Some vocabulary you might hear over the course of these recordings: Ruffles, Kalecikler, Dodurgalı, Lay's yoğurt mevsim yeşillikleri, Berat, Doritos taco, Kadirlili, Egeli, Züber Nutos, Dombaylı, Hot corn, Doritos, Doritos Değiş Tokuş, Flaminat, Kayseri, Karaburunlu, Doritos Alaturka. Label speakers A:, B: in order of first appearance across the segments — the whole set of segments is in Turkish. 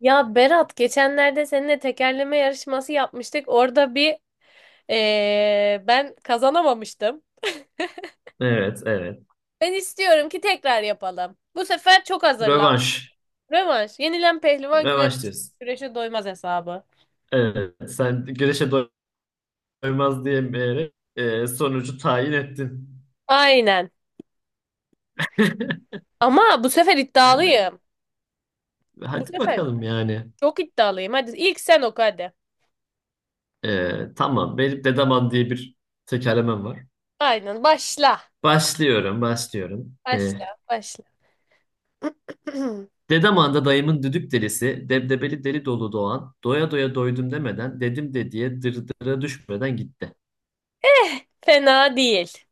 A: Ya Berat geçenlerde seninle tekerleme yarışması yapmıştık. Orada bir ben kazanamamıştım.
B: Evet, evet.
A: Ben istiyorum ki tekrar yapalım. Bu sefer çok hazırlan.
B: Rövanş.
A: Rövanş. Yenilen pehlivan güve
B: Rövanş diyorsun.
A: güreşe doymaz hesabı.
B: Evet, sen güreşe doymaz diyemeyerek sonucu tayin ettin.
A: Aynen. Ama bu sefer
B: E,
A: iddialıyım. Bu
B: Hadi
A: sefer
B: bakalım yani.
A: çok iddialıyım. Hadi ilk sen oku hadi.
B: Tamam, benim Dedaman diye bir tekerlemem var.
A: Aynen. Başla.
B: Başlıyorum.
A: Başla. Başla.
B: Dedaman'da dayımın düdük delisi, debdebeli deli dolu doğan, doya doya doydum demeden, dedim de diye dırdıra düşmeden gitti.
A: Fena değil.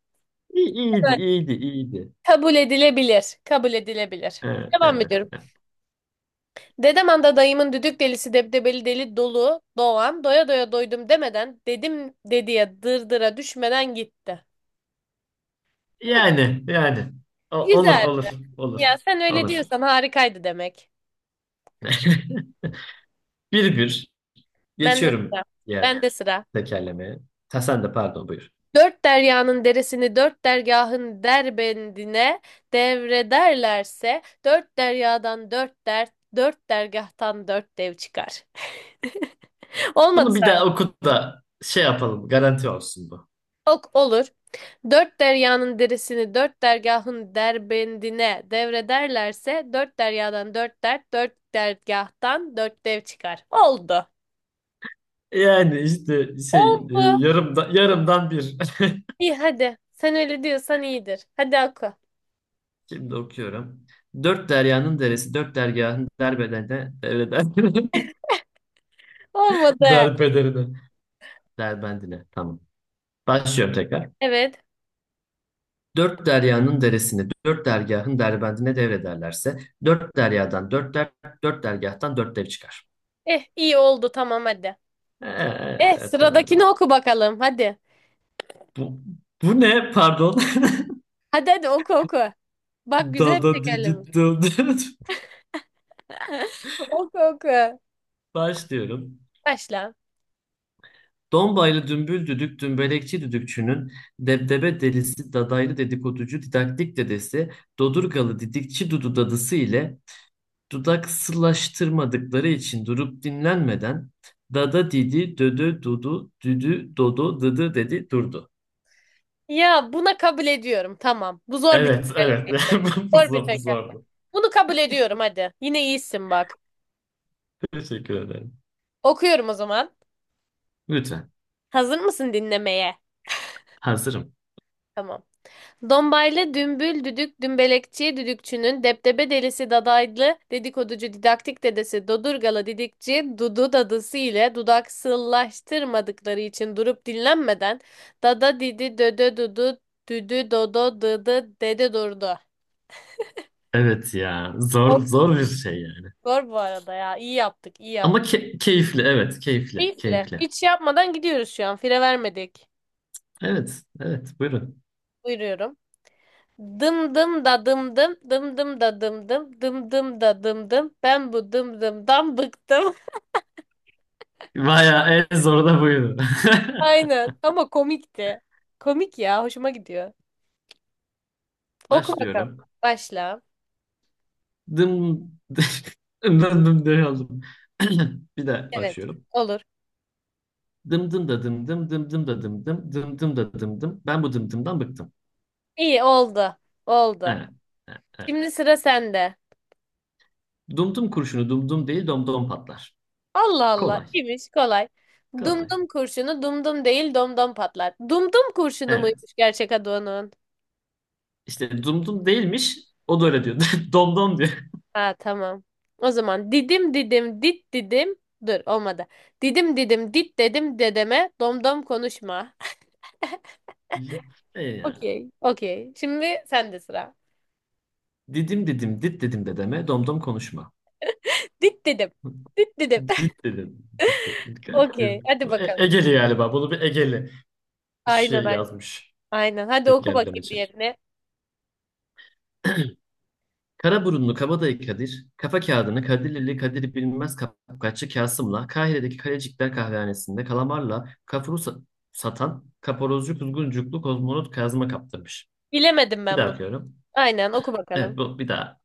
B: İyi, iyiydi.
A: Kabul edilebilir. Kabul edilebilir.
B: E,
A: Devam
B: e.
A: ediyorum. Dedem anda dayımın düdük delisi debdebeli deli dolu doğan doya doya doydum demeden dedim dediye dırdıra düşmeden gitti.
B: yani O- olur
A: Güzel.
B: olur olur
A: Ya sen öyle
B: olur.
A: diyorsan harikaydı demek.
B: Bir bir
A: Ben de
B: geçiyorum
A: sıra.
B: diğer
A: Ben de sıra.
B: tekerlemeye. Ha, sen de pardon buyur.
A: Dört deryanın deresini dört dergahın derbendine devrederlerse dört deryadan dört dert, dört dergahtan dört dev çıkar. Olmadı.
B: Bunu bir daha okut da şey yapalım, garanti olsun bu.
A: Ok olur. Dört deryanın derisini dört dergahın derbendine devrederlerse dört deryadan dört dert, dört dergahtan dört dev çıkar. Oldu.
B: Yani işte
A: Oldu.
B: yarımdan bir.
A: İyi hadi. Sen öyle diyorsan iyidir. Hadi oku.
B: Şimdi okuyorum. Dört deryanın deresi, dört dergahın
A: Olmadı.
B: derbederine, derbendine. Tamam. Başlıyorum tekrar.
A: Evet.
B: Dört deryanın deresini, dört dergahın derbendine devrederlerse, dört deryadan dört der, dört dergahtan dört dev çıkar.
A: Eh iyi oldu, tamam hadi.
B: Evet,
A: Eh,
B: evet, fena
A: sıradakini
B: değil.
A: oku bakalım hadi.
B: Bu, bu ne? Pardon.
A: Hadi hadi oku oku. Bak, güzel bir
B: Dada didi
A: tekerleme.
B: dada.
A: Oku oku.
B: Başlıyorum.
A: Başla.
B: Dombaylı dümbül düdük dümbelekçi düdükçünün debdebe delisi dadaylı dedikoducu didaktik dedesi, Dodurgalı didikçi dudu dadısı ile dudaksılaştırmadıkları için durup dinlenmeden dada didi dödö dudu düdü dodo dıdı dedi durdu.
A: Ya buna kabul ediyorum. Tamam. Bu zor bir
B: Evet, evet.
A: tekerleme.
B: Bu
A: Zor bir
B: zor, bu
A: teker.
B: zordu.
A: Bunu kabul ediyorum hadi. Yine iyisin bak.
B: Teşekkür ederim.
A: Okuyorum o zaman.
B: Lütfen.
A: Hazır mısın dinlemeye?
B: Hazırım.
A: Tamam. Dombaylı dümbül düdük dümbelekçi düdükçünün depdebe delisi dadaylı dedikoducu didaktik dedesi dodurgalı didikçi dudu dadısı ile dudaksızlaştırmadıkları için durup dinlenmeden dada didi dödö dudu düdü dodo dıdı dede durdu.
B: Evet ya. Zor
A: Çok.
B: zor bir şey yani.
A: Zor bu arada ya. İyi yaptık, iyi
B: Ama
A: yaptık.
B: keyifli. Evet, keyifli.
A: Keyifle.
B: Keyifli.
A: Hiç yapmadan gidiyoruz şu an. Fire vermedik.
B: Evet, evet. Buyurun.
A: Buyuruyorum. Dım dım da dım dım, dım dım da dım dım, dım dım da dım dım. Ben bu dım dımdan bıktım.
B: Bayağı en zoru da buydu.
A: Aynen. Ama komikti. Komik ya. Hoşuma gidiyor. Oku bakalım.
B: Başlıyorum.
A: Başla.
B: Dım dım dım. Bir de
A: Evet.
B: başlıyorum.
A: Olur.
B: Dım dım da dım dım dım dım da dım dım dım dım da dım dım. Ben bu dım dımdan bıktım.
A: İyi oldu. Oldu.
B: Evet. Evet. Evet.
A: Şimdi sıra sende.
B: Dum dum kurşunu dum dum değil dom dom patlar.
A: Allah Allah.
B: Kolay.
A: İyiymiş. Kolay.
B: Kolay.
A: Dumdum kurşunu dumdum değil domdom patlar. Dumdum kurşunu
B: Evet.
A: muymuş gerçek adı onun?
B: İşte dum dum değilmiş. O da öyle diyor. Dom dom diyor.
A: Ha, tamam. O zaman didim didim dit didim. Dur, olmadı. Didim didim dit dedim dedeme domdom konuşma.
B: E ya.
A: Okey. Okey. Şimdi sende sıra.
B: Didim didim dit dedim de deme. Dom dom konuşma.
A: Dit dedim. Dit dedim.
B: Dit dedim. Dit dedim. Garip bir.
A: Okey. Hadi
B: E
A: bakalım.
B: Egeli galiba. Bunu bir Egeli
A: Aynen
B: şey
A: aynen.
B: yazmış.
A: Aynen. Hadi oku bakayım
B: Tekerlemeci.
A: diğerini.
B: Karaburunlu Kabadayı Kadir, kafa kağıdını Kadirlili Kadir bilmez Kapkaççı Kasım'la Kahire'deki Kalecikler Kahvehanesi'nde kalamarla kafuru satan kaparozcu kuzguncuklu kozmonot Kazım'a kaptırmış.
A: Bilemedim
B: Bir
A: ben
B: daha
A: bunu.
B: okuyorum.
A: Aynen oku
B: Evet
A: bakalım.
B: bu bir daha.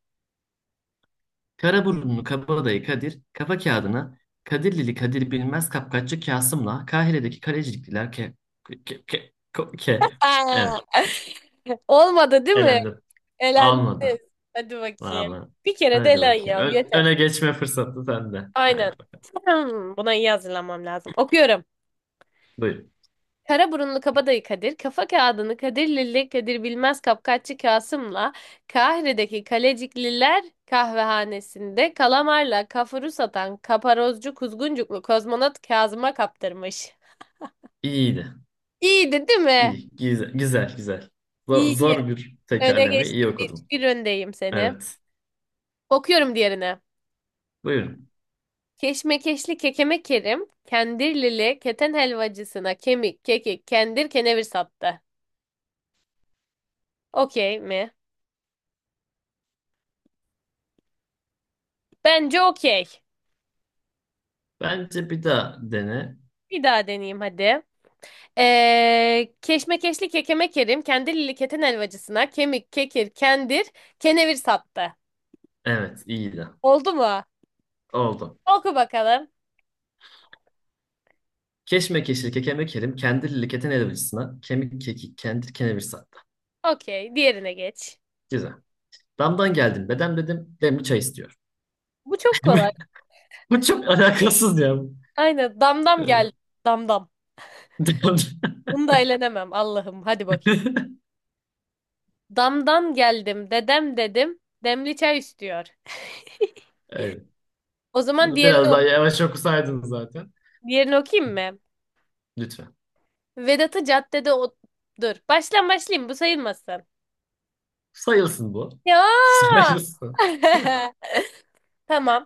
B: Karaburunlu Kabadayı Kadir, kafa kağıdını Kadirlili Kadir bilmez Kapkaççı Kasım'la Kahire'deki Kalecikliler ke... ke... ke... ko- ke- Evet.
A: Aa! Olmadı değil mi?
B: Elendim.
A: Elendiniz.
B: Almadı.
A: Hadi bakayım.
B: Vallahi.
A: Bir kere de
B: Hadi
A: elen
B: bakayım.
A: ya. Yeter.
B: Öne geçme fırsatı sende.
A: Aynen.
B: Haydi bakalım.
A: Buna iyi hazırlanmam lazım. Okuyorum.
B: Buyurun.
A: Kara burunlu kabadayı Kadir, kafa kağıdını Kadir Lilli Kadir Bilmez Kapkaççı Kasım'la Kahire'deki Kalecikliler kahvehanesinde kalamarla kafuru satan kaparozcu kuzguncuklu kozmonot Kazım'a kaptırmış.
B: İyiydi.
A: İyiydi değil mi?
B: İyi. Güzel. Güzel. Güzel. Zor,
A: İyi. İyi.
B: zor bir
A: Öne
B: tekerleme. İyi
A: geçtim. Bir,
B: okudum.
A: bir öndeyim seni.
B: Evet.
A: Okuyorum diğerine.
B: Buyurun.
A: Keşmekeşli kekeme Kerim, kendirlili keten helvacısına kemik, kekik, kendir, kenevir sattı. Okey mi? Bence okey.
B: Bence bir daha dene.
A: Bir daha deneyeyim hadi. Keşmekeşli kekeme kerim, kendilili keten helvacısına kemik, kekir, kendir, kenevir sattı.
B: Evet, iyiydi.
A: Oldu mu?
B: Oldu.
A: Oku bakalım.
B: Keşmekeşli kekeme kerim kendirli keten elbacısına kemik kekik kendir kenevir sattı.
A: Okey, diğerine geç.
B: Güzel. Damdan geldim bedem dedim demli çay istiyor.
A: Bu çok kolay.
B: Bu çok alakasız ya.
A: Aynen, damdam
B: Evet.
A: geldi. Damdam. Bunu da eğlenemem Allah'ım. Hadi bakayım. Damdan geldim, dedem dedim, demli çay istiyor.
B: Evet.
A: O zaman
B: Bunu biraz daha yavaş okusaydınız zaten.
A: diğerini okuyayım mı?
B: Lütfen.
A: Vedat'ı caddede o... Dur, baştan başlayayım, bu sayılmasın.
B: Sayılsın bu.
A: Ya!
B: Sayılsın.
A: Tamam,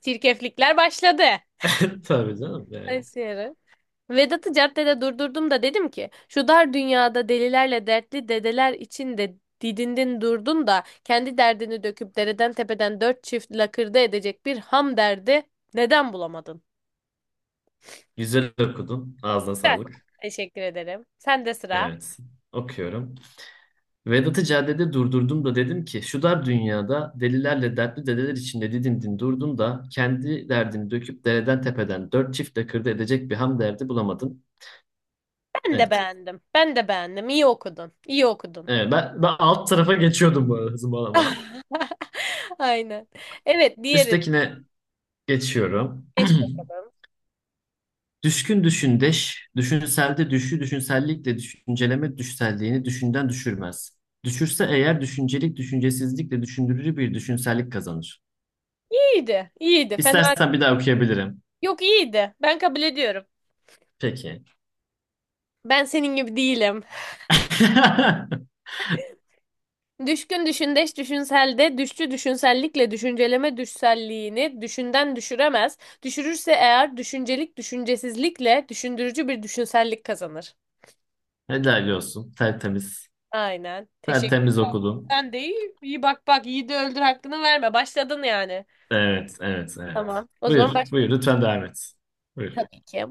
A: çirkeflikler başladı.
B: Tabii canım yani.
A: Kayseri. Vedat'ı caddede durdurdum da dedim ki şu dar dünyada delilerle dertli dedeler içinde didindin durdun da kendi derdini döküp dereden tepeden dört çift lakırdı edecek bir ham derdi neden bulamadın?
B: Güzel okudun. Ağzına
A: Güzel.
B: sağlık.
A: Teşekkür ederim. Sen de sıra.
B: Evet. Okuyorum. Vedat'ı caddede durdurdum da dedim ki şu dar dünyada delilerle dertli dedeler içinde didindin durdun da kendi derdini döküp dereden tepeden dört çiftle kırdı edecek bir ham derdi bulamadın.
A: Ben de
B: Evet.
A: beğendim. Ben de beğendim. İyi okudun. İyi okudun.
B: Evet ben alt tarafa geçiyordum, bu arada hızımı alamadım.
A: Aynen. Evet, diğerini
B: Üsttekine geçiyorum.
A: geç bakalım.
B: Düşkün düşündeş, düşünselde düşü, düşünsellikle düşünceleme düşselliğini düşünden düşürmez. Düşürse eğer düşüncelik düşüncesizlikle düşündürücü bir düşünsellik kazanır.
A: İyiydi. İyiydi. Fena.
B: İstersen bir daha okuyabilirim.
A: Yok, iyiydi. Ben kabul ediyorum.
B: Peki.
A: Ben senin gibi değilim. Düşkün düşündeş düşünselde, düşçü düşünsellikle düşünceleme düşselliğini düşünden düşüremez. Düşürürse eğer düşüncelik düşüncesizlikle düşündürücü bir düşünsellik kazanır.
B: Helal olsun. Tertemiz.
A: Aynen. Teşekkür.
B: Tertemiz okudun.
A: Sen de iyi, iyi bak bak iyi de öldür hakkını verme. Başladın yani.
B: Evet.
A: Tamam. O zaman
B: Buyur.
A: başlayayım.
B: Lütfen devam et. Buyur.
A: Tabii ki.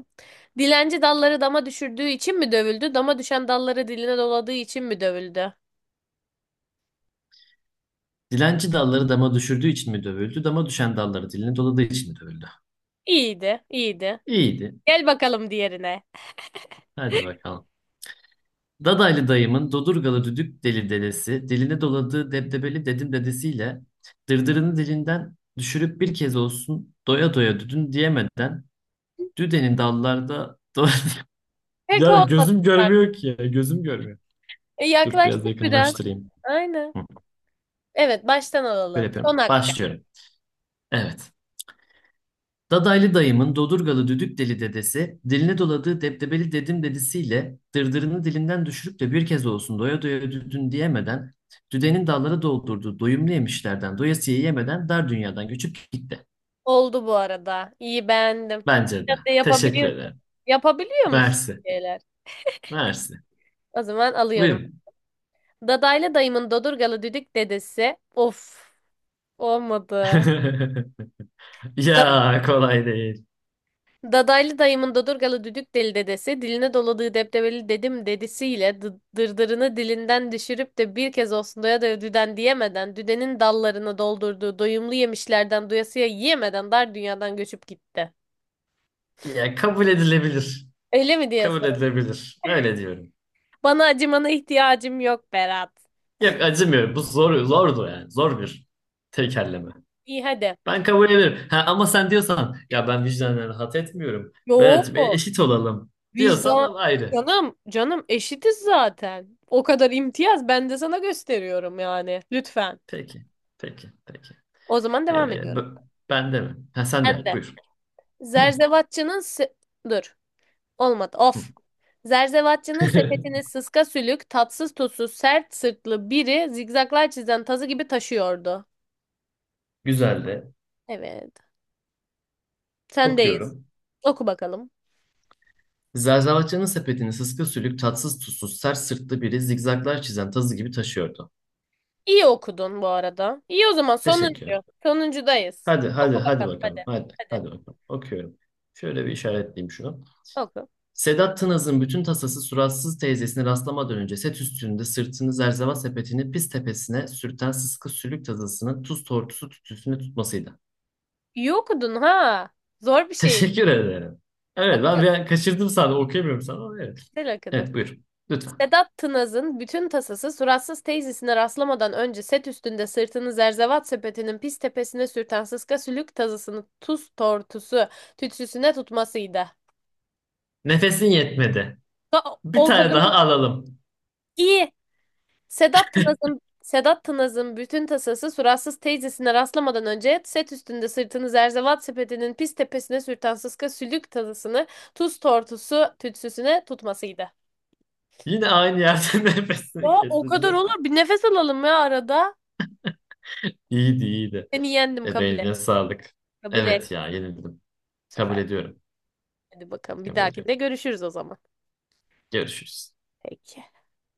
A: Dilenci dalları dama düşürdüğü için mi dövüldü? Dama düşen dalları diline doladığı için mi dövüldü?
B: Dilenci dalları dama düşürdüğü için mi dövüldü? Dama düşen dalları diline doladığı için mi dövüldü?
A: İyiydi, iyiydi.
B: İyiydi.
A: Gel bakalım diğerine.
B: Hadi bakalım. Dadaylı dayımın Dodurgalı düdük deli dedesi, diline doladığı debdebeli dedim dedesiyle dırdırını dilinden düşürüp bir kez olsun doya doya düdün diyemeden düdenin dallarda
A: Pek
B: Ya
A: olmadı.
B: gözüm görmüyor ki ya, gözüm görmüyor.
A: E,
B: Dur biraz
A: yaklaştık biraz.
B: yakınlaştırayım.
A: Aynen.
B: Hı,
A: Evet, baştan
B: Böyle
A: alalım. Son
B: yapıyorum.
A: dakika.
B: Başlıyorum. Evet. Dadaylı dayımın Dodurgalı düdük deli dedesi, diline doladığı debdebeli dedim dedisiyle dırdırını dilinden düşürüp de bir kez olsun doya doya düdün diyemeden, düdenin dallara doldurduğu doyumlu yemişlerden doyasıya yemeden dar dünyadan göçüp gitti.
A: Oldu bu arada. İyi, beğendim.
B: Bence
A: Sen
B: de.
A: de
B: Teşekkür
A: yapabiliyorsun.
B: ederim.
A: Yapabiliyor musun
B: Mersi.
A: şeyler?
B: Mersi.
A: O zaman alıyorum.
B: Buyurun.
A: Dadaylı dayımın dodurgalı düdük dedesi. Of, olmadı. Da-
B: Ya kolay değil.
A: Dadaylı dayımın dodurgalı düdük deli dedesi diline doladığı deptebeli dedim dedisiyle dırdırını dilinden düşürüp de bir kez olsun doya doya düden diyemeden düdenin dallarını doldurduğu doyumlu yemişlerden doyasıya yiyemeden dar dünyadan göçüp gitti.
B: Ya kabul edilebilir.
A: Öyle mi
B: Kabul
A: diyorsun?
B: edilebilir. Öyle diyorum.
A: Bana acımana ihtiyacım yok Berat.
B: Yok acımıyorum. Bu zor, zordu yani. Zor bir tekerleme.
A: İyi hadi.
B: Ben kabul ederim. Ha, ama sen diyorsan ya ben vicdanen rahat etmiyorum.
A: Yo,
B: Berat'cığım eşit olalım diyorsan
A: vicdan.
B: da ayrı.
A: Canım, canım eşitiz zaten. O kadar imtiyaz ben de sana gösteriyorum yani. Lütfen.
B: Peki. Peki. Peki.
A: O zaman devam
B: Ee,
A: ediyorum.
B: b- ben de mi? Ha, sen
A: Ben
B: de.
A: de.
B: Buyur.
A: Zerzevatçının se- Dur. Olmadı.
B: Hı.
A: Of. Zerzevatçının sepetini sıska sülük, tatsız tuzsuz, sert sırtlı biri zigzaklar çizen tazı gibi taşıyordu.
B: Güzel de.
A: Evet. Sendeyiz.
B: Okuyorum.
A: Oku bakalım.
B: Zerzavatçının sepetini sıska sülük, tatsız tuzsuz, sert sırtlı biri zigzaglar çizen tazı gibi taşıyordu.
A: İyi okudun bu arada. İyi, o zaman
B: Teşekkür.
A: sonuncu. Sonuncudayız.
B: Hadi hadi
A: Oku
B: hadi
A: bakalım
B: bakalım.
A: hadi.
B: Hadi
A: Hadi
B: hadi bakalım. Okuyorum. Şöyle bir işaretleyeyim şunu.
A: oku.
B: Sedat Tınaz'ın bütün tasası suratsız teyzesini rastlamadan önce set üstünde sırtını zerzeval sepetini pis tepesine sürten sıska sülük tazasının tuz tortusu tütüsüne tutmasıydı.
A: İyi okudun ha. Zor bir şey.
B: Teşekkür ederim. Evet ben bir
A: Okuyorum.
B: an kaçırdım, sana okuyamıyorum sana ama evet.
A: Güzel okudun.
B: Evet buyur lütfen.
A: Sedat Tınaz'ın bütün tasası suratsız teyzesine rastlamadan önce set üstünde sırtını zerzevat sepetinin pis tepesine sürten sıska sülük tazısını tuz tortusu tütsüsüne tutmasıydı.
B: Nefesin yetmedi. Bir
A: O
B: tane
A: kadar
B: daha alalım.
A: iyi. Sedat Tınaz'ın bütün tasası suratsız teyzesine rastlamadan önce set üstünde sırtını zerzevat sepetinin pis tepesine sürten sıska sülük tadısını tuz tortusu tütsüsüne tutmasıydı.
B: Yine aynı yerde nefesini
A: Ya o kadar
B: kesildi.
A: olur. Bir nefes alalım ya arada.
B: İyiydi, iyiydi.
A: Seni yendim, kabul et.
B: Ebeğine sağlık.
A: Kabul et
B: Evet
A: bu
B: ya yenildim. Kabul
A: sefer.
B: ediyorum.
A: Hadi bakalım, bir
B: Kabul ediyorum.
A: dahakinde görüşürüz o zaman.
B: Görüşürüz.
A: Peki.